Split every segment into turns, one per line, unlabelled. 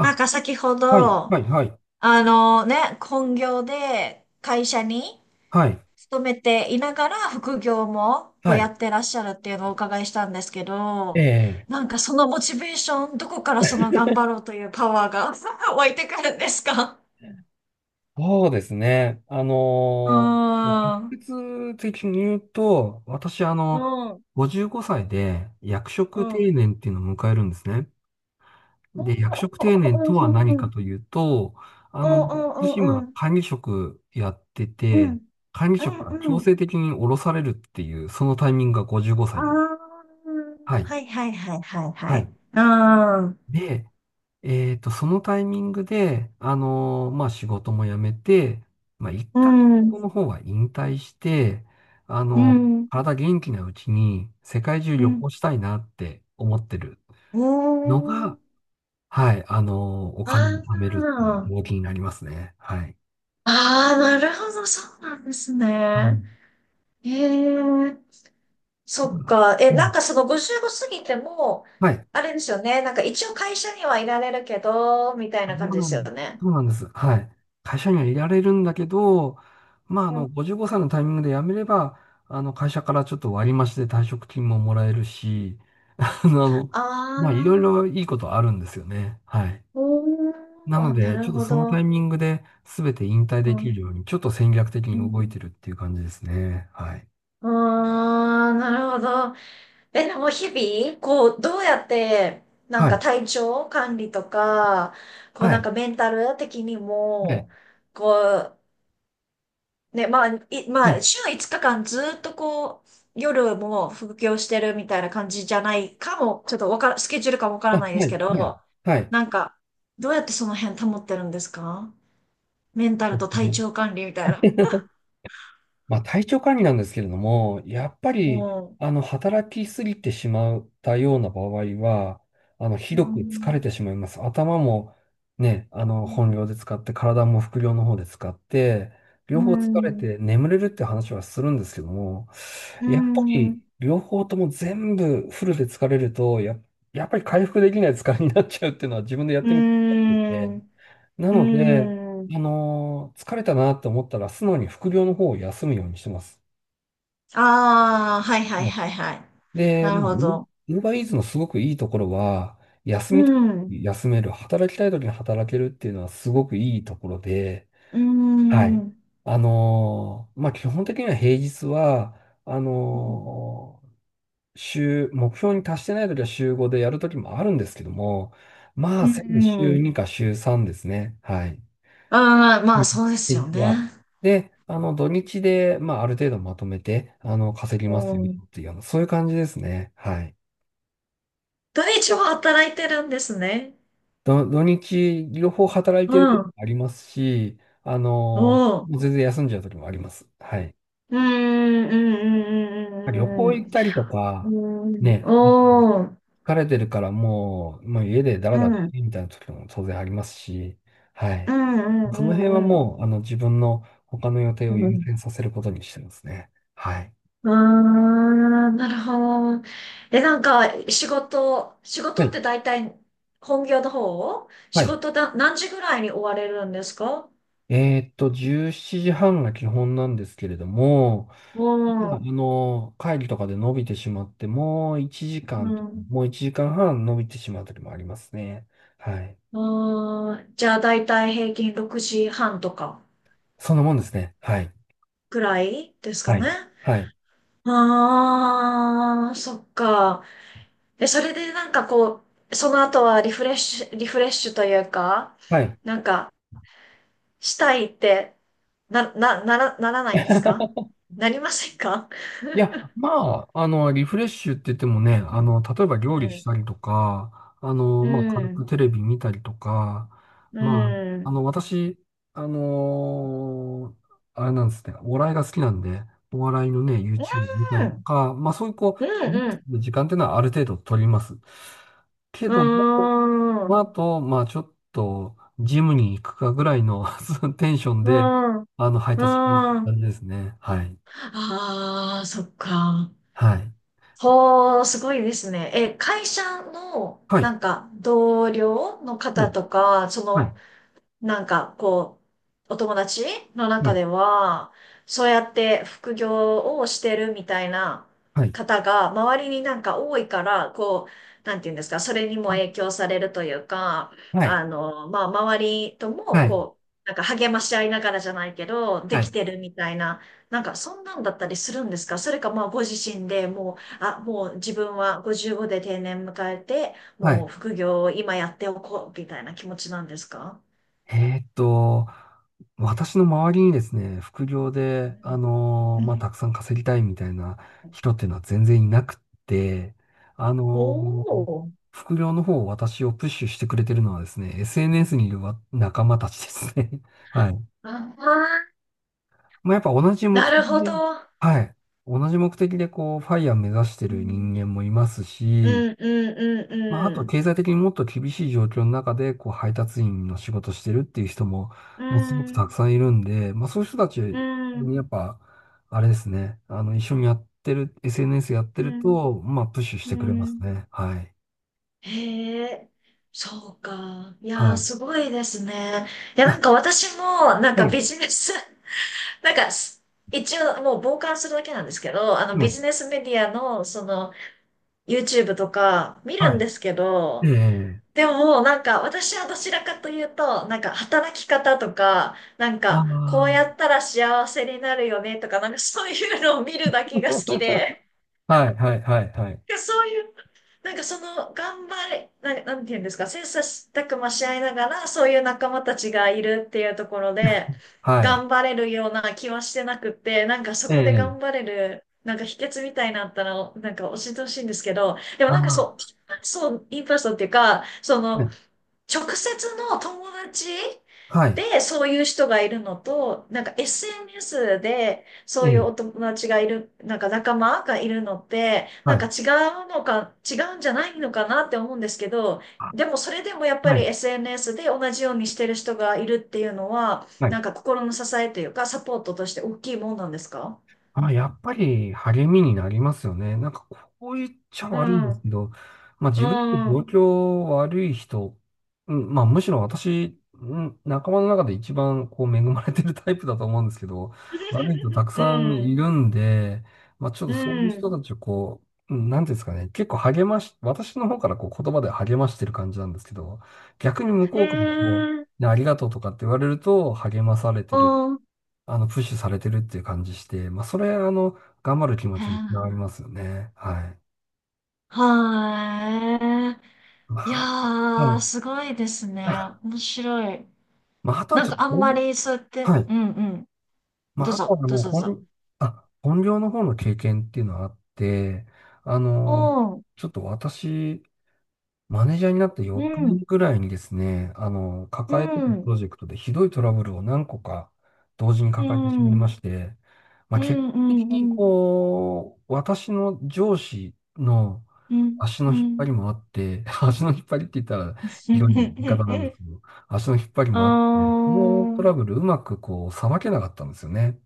なんか先ほ
はい、
ど、
はい、はい、
あのね、本業で会社に
はい、
勤めていながら副業もこう
は
や
い。
ってらっしゃるっていうのをお伺いしたんですけ
え
ど、
え、
なんかそのモチベーション、どこからその頑張ろうというパワーが 湧いてくるんですか？
そうですね。
うーん。
直接的に言うと、私、
うん。うん。
55歳で役
う
職
ん。
定年っていうのを迎えるんですね。で、役職定年とは何かというと、あ
う
の、
ん。う
私
ん。う
今、
ん。
管理職やってて、管理
う
職が
ん
強
うん。
制的に降ろされるっていう、そのタイミングが55
あ
歳になる。
あ、
はい、
はいはいはいはいは
は
い。
い。
うん。
で、そのタイミングで、まあ、仕事も辞めて、まあ、一
う
旦仕
ん。
事の方は引退して、あ
う
の
ん、
体元気なうちに世界中
う
旅
ん。
行したいなって思ってる
お
の
ー、
が、はい、お
あ
金を貯めるっていう
ー、
動機になりますね。はい。
あー、なるほど、そうなんです
は
ね。
い。
へえ、そっか。え、
う
なん
ん
かその55過ぎても、
はい。
あれですよね。なんか一応会社にはいられるけど、みたい
そ
な
う
感じで
な
す
ん
よ
です。
ね。
そうなんです。はい。会社にはいられるんだけど、まあ、
うん、
55歳のタイミングで辞めれば、会社からちょっと割り増しで退職金ももらえるし、あの、
あ
まあ、いろい
あ、
ろいいことあるんですよね。はい。
おー、
なの
あ、な
で、ちょ
る
っと
ほ
そのタ
ど。
イミングで全て引退
う
でき
ん、
るように、ちょっと戦略的に
う
動い
ん。
てるっていう感じですね。はい。
ああ、なるほど。え、でも日々、こう、どうやって、な
は
んか
い。
体調管理とか、こう
は
なん
い。
かメンタル的に
はい。
も、こう、ね、まあ、
はい。
週5日間ずっとこう、夜も副業してるみたいな感じじゃないかも、ちょっとわから、スケジュールかもわか
は
ら
い。
ないで
は
すけ
い。はい。
ど、
はい
なんか、どうやってその辺保ってるんですか？メンタルと体調管理みたいな。
まあ、体調管理なんですけれども、やっぱ
う
り、
ん。
働きすぎてしまったような場合は、ひ
う
どく疲れ
ん。
てしまいます。頭もね、本領で使って、体も副領の方で使って、
う
両方疲れ
ん。
て眠れるって話はするんですけども、
う
やっぱり、
ん。
両方とも全部フルで疲れると、やっぱり回復できない疲れになっちゃうっていうのは自分でやってみて
う
思ってて、
ん。
な
う
ので、
ーん。
疲れたなって思ったら、素直に副業の方を休むようにしてます。
ああ、はいはい
も
はいはい。
うで、
なる
まあ、ウ
ほど。
ーバーイーツのすごくいいところは、休
う
みた
ん。
休める、働きたい時に働けるっていうのはすごくいいところで、
うー
はい。
ん。
まあ、基本的には平日は、あ
うん。
のー週、目標に達してない時は週5でやる時もあるんですけども、まあ、
う
せいぜい週
ん。
2か週3ですね。はい。
ああ、ま
う
あ
ん
そうです
で
よ
すが。
ね。
で、土日で、まあ、ある程度まとめて、稼ぎま
う
すよ
ん。
っていうあのそういう感じですね。はい。
土日は働いてるんですね。
土日、両方働い
う
てる時も
ん。
ありますし、
おう。
もう全然休んじゃう時もあります。はい。
うーん、
旅
う
行行
ん、
ったりと
うん、う
か、
ん、うん。うん。うん。
ね、
おー。
疲れてるからもう、もう家でダラ
う
ダラし
ん。
てみたいな時も当然ありますし、は
う
い。
ん、う
その辺は
ん、うん、うん。
もう、自分の他の予定
う
を優
ん、
先させることにしてますね。はい。
あー、なるほど。え、なんか、仕
は
事っ
い。
て大体、本業の方
は
仕
い
事だ、何時ぐらいに終われるんですか？
えーっと、17時半が基本なんですけれども、
うん。
会議とかで伸びてしまって、もう1時
う
間、
ん。
もう1時間半伸びてしまう時もありますね。はい。
あー、じゃあ大体平均6時半とか
そんなもんですね。はい。
ぐらいですか
は
ね。
い。はい。
ああ、そっか。え、それでなんかこう、その後はリフレッシュ、リフレッシュというか、
はい。
なんか、したいって、ならないんです か？なりませんか？
いや、まあ、リフレッシュって言ってもね、例えば
う
料理し
ん。
たりとか、
う
まあ、軽
ん。
くテレビ見たりとか、
う
まあ、
ん。
私、あのあれなんですね、お笑いが好きなんで、お笑いのね、
う
YouTube 見たりと
ん。
か、まあ、そういうこう、
う
リ
ん。
ラッ
う
クス
ん。
する時間っていうのはある程度取ります。けども、
うーん。
まあ、
う
あと、まあ、ちょっと、ジムに行くかぐらいの テンション
ー
で、
ん。う
配達に行く
ーん。
感じですね。はい。
ああ、そっか。
はい。
ほー、すごいですね。え、会社の、
は
な
い。
んか、同僚の
う
方
ん、
とか、そ
は
の、
い、
なんか、こう、お友達の
う
中
ん、
では、そうやって副業をしてるみたいな
はい、
方が、周りになんか多いから、こう、なんていうんですか、それにも
あ
影響されるというか、
はい、
あの、まあ、周りとも、
はい、
こう、なんか励まし合いながらじゃないけど、で
は
き
い、
てるみたいな、なんかそんなんだったりするんですか？それかまあご自身でもう、あ、もう自分は55で定年迎えて、
は
も
い。
う副業を今やっておこうみたいな気持ちなんですか？
えーっと、私の周りにですね、副業で、
うんう
ま
ん。
あ、たくさん稼ぎたいみたいな人っていうのは全然いなくって、あ
お
のー
お。
副業の方を私をプッシュしてくれてるのはですね、SNS にいるわ仲間たちですね。はい。
ああ、
まあ、やっぱ同じ目
な
的
るほど。
で、はい。同じ目的でこう、ファイヤー目指して
う
る
ん、
人間もいます
う
し、
ん、うん、
まあ、あ
う
と
ん。
経済的にもっと厳しい状況の中で、こう、配達員の仕事してるっていう人も、
う
もうすごくた
ん、
くさんいるんで、まあ、そういう人たち
うん、
にやっぱ、あれですね、一緒にやってる、SNS やって
う
る
ん、
と、まあ、プッシュし
う
てくれます
ん。
ね。はい。
へえ、そうか。いや
は
ー、
い。
すごいですね。いや、なんか 私も、なん
う
かビ
ん。
ジネス、なんかす、一応もう傍観するだけなんですけど、あのビ
ね。
ジネスメディアの、その、YouTube とか見る
は
ん
い。
ですけ
え
ど、
え。
でも、なんか、私はどちらかというと、なんか、働き方とか、なん
あ
か、こ
あ。
うやったら幸せになるよねとか、なんか、そういうのを見るだけが好きで、
はい、はい、はい、はい。
なんかそういう、なんか、その、頑張れ、なんなんていうんですか、切磋琢磨し合いながら、そういう仲間たちがいるっていうところで、
はい。
頑張れるような気はしてなくって、なんか、そ
え
こで頑
え。
張れる、なんか、秘訣みたいなのあったら、なんか、教えてほしいんですけど、でも
あ
なんか
あ。
そう、インパーソンっていうか、その、
ね。
直接の友達
はい。
でそういう人がいるのと、なんか SNS で
え
そういう
え。
お友達がいる、なんか仲間がいるのって、
は
なんか
い。
違うのか、違うんじゃないのかなって思うんですけど、
あ
でもそれでもやっぱ
は
り
い。
SNS で同じようにしてる人がいるっていうのは、
はい。
なんか心の支えというかサポートとして大きいもんなんですか？
あ、やっぱり励みになりますよね。なんかこう言っちゃ
う
悪いんで
ん、
すけど、まあ
う
自分より
ん、
状
う
況悪い人、うん、まあむしろ私、うん、仲間の中で一番こう恵まれてるタイプだと思うんですけど、悪い人たくさんい
ん、
るんで、まあちょっ
う
とそういう
ん。
人たちをこう、なんていうんですかね、結構励まし、私の方からこう言葉で励ましてる感じなんですけど、逆に向
へ
こうからも
え、
ねありがとうとかって言われると励まされてる
うん。へ
プッシュされてるっていう感じして、まあ、それ、頑張る気持ちにつなが
え、
りますよね。はい。
はー
ま
い。いや
あ、は
ー、
い。
すごいですね。
あ
面白い。
まあ、あとは
なん
ちょっ
かあんま
と、
りそうやって、
はい。
うんうん。
ま
ど
あ、
う
あとは
ぞ、どう
もう
ぞどうぞ。
本、あ、本業の方の経験っていうのはあって、あ
う
の、
ん、
ちょっと私、マネージャーになって
う
翌
ん、
年ぐらいにですね、
う
抱えてたプ
ん、
ロジェクトでひどいトラブルを何個か同時に
う
抱えてし
ん、
ま
う
いま
ん、
して、まあ、
う
結果的に
ん、うん、
こう、私の上司の
うん、
足の
う
引っ張り
ん。
もあって、足の引っ張りって言ったら広い言い方なんで すけど、足の引っ張り
あ
もあって、このト
ー、
ラブルうまくこう、さばけなかったんですよね。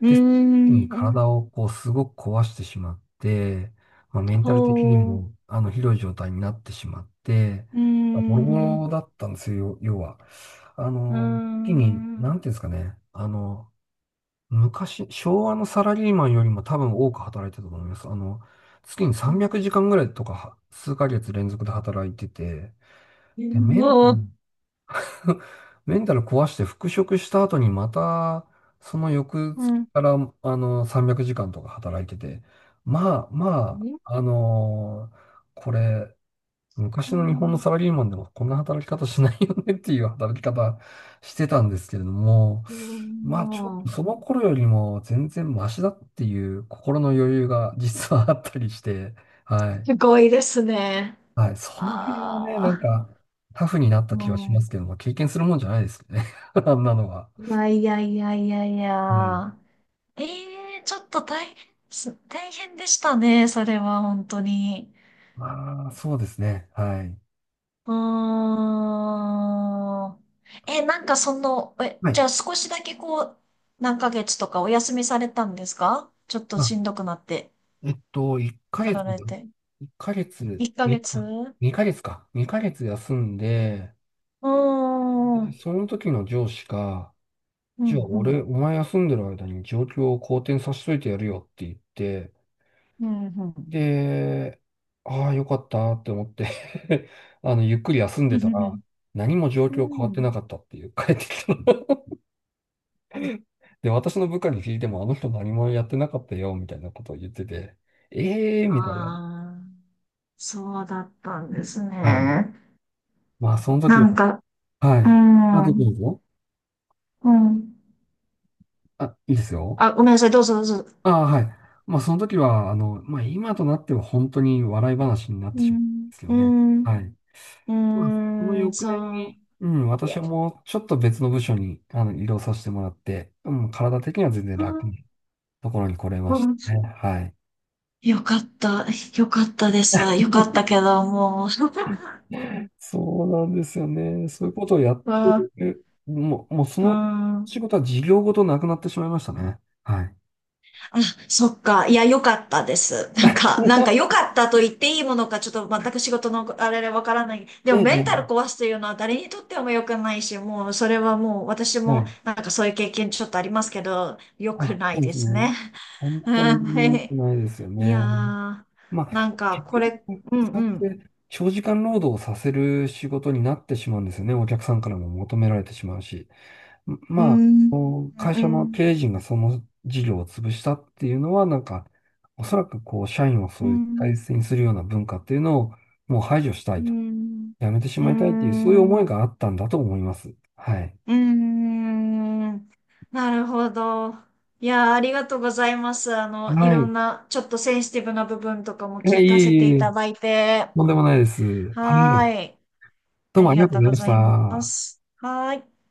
うー
で、その時に体
ん、
をこうすごく壊してしまって、まあ、メンタル的に
ほう、う
もあのひどい状態になってしまって、
ー
まあボロボロ
ん、
だったんですよ、要は。
うー
時に、
ん、
なんていうんですかね、昔、昭和のサラリーマンよりも多分多く働いてたと思います。月に
ほう、
300時間ぐらいとかは、数ヶ月連続で働いてて、
う
で、
ん、
メンタル壊して復職した後にまた、その翌
う
月
ん、うん、
から、300時間とか働いてて、まあ、これ、昔の日本のサラリーマンでもこんな働き方しないよねっていう働き方してたんですけれども、
うん、
まあちょっ
う
と
ん、
その頃よりも全然マシだっていう心の余裕が実はあったりして、は
す
い。
ごいですね。
はい。その辺はね、なん
あ
か、タフになっ
あ、
た気はしま
も
すけども、経験するもんじゃないですよね。あんなのは。
ういやいやいやいやい
うん。
や。ええ、ちょっと大変す、大変でしたね、それは、本当に。
まあ、そうですね。はい。
うーん。え、なんかその、え、
は
じゃ
い。
あ少しだけこう、何ヶ月とかお休みされたんですか？ちょっと
まあ、
しんどくなって、
えっと、1ヶ
な
月、
られて。
1ヶ月、
1ヶ
に
月
あ
う
2ヶ月か。2ヶ月休んで、
ーん。うん、
その時の上司が、
う
じゃあ
ん。
俺、お前休んでる間に状況を好転させといてやるよって言って、
うん、うん。
で、ああ、よかったって思って ゆっくり休ん
う
で
ん、
たら、何も状
うん。
況変わ
う
ってな
ん。
かったっていう、帰ってきたの。で、私の部下に聞いても、あの人何もやってなかったよ、みたいなことを言ってて、ええー、みたいな。
ああ。そうだったんです
はい。
ね。
まあ、その時
な
は、
んか、
は
うー
い。あどうぞ
ん、
どうぞ。
うん。
あ、いいですよ。
あ、ごめんなさい、どうぞどうぞ。
ああ、はい。まあ、その時は、まあ、今となっては本当に笑い話になっ
う
て
ー
しまうん
ん、
ですよ
うー
ね。
ん、
はい。
う
まあ、その
ーん、
翌年
そ
に、うん、
う。い
私
や、
はもうちょっと別の部署にあの移動させてもらって、うん、体的には全然楽なところに来れま
う
し
ん、
たね。はい。
よかった、よかったです。よかったけど、もう。
そうなんですよね。そういうことをやっ
う
て
ん、
る。もうそ
う
の
ん、
仕事は事業ごとなくなってしまいましたね。はい。
あ、そっか。いや、良かったです。なんか、なんか良 かったと言っていいものか、ちょっと全く仕事のあれでわからない。で
え
も、
え、
メンタ
ええ
ル壊すというのは誰にとっても良くないし、もう、それはもう、私
は
も、
い。
なんかそういう経験ちょっとありますけど、良く
あ、
な
そ
い
うで
で
す
す
ね。
ね。
本
う
当
ん、
に
は
良く
い。
ないですよ
い
ね。
やー、
ま
な
あ、
んか、
結
こ
局、
れ、うん、
使
う
っ
ん。
て長時間労働をさせる仕事になってしまうんですよね。お客さんからも求められてしまうし。ん
う
ま
ん、うん、
あ、会
う
社の
ん、
経営陣がその事業を潰したっていうのは、なんか、おそらくこう、社員を
う
そういう大
ん、
切にするような文化っていうのをもう排除した
う
いと。
ん、
やめてし
う
まいたいっていう、そういう思
ん。
いがあったんだと思います。はい。
うーん、なるほど。いやー、ありがとうございます。あの、い
は
ろ
い。
んな、ちょっとセンシティブな部分とかも
え、いえ
聞かせ
い
て
え
い
いえ
ただいて。
とんでもないです。は
は
い。
ーい。
ど
あ
うもあ
り
り
が
がとう
とう
ござい
ご
まし
ざいま
た。
す。はーい。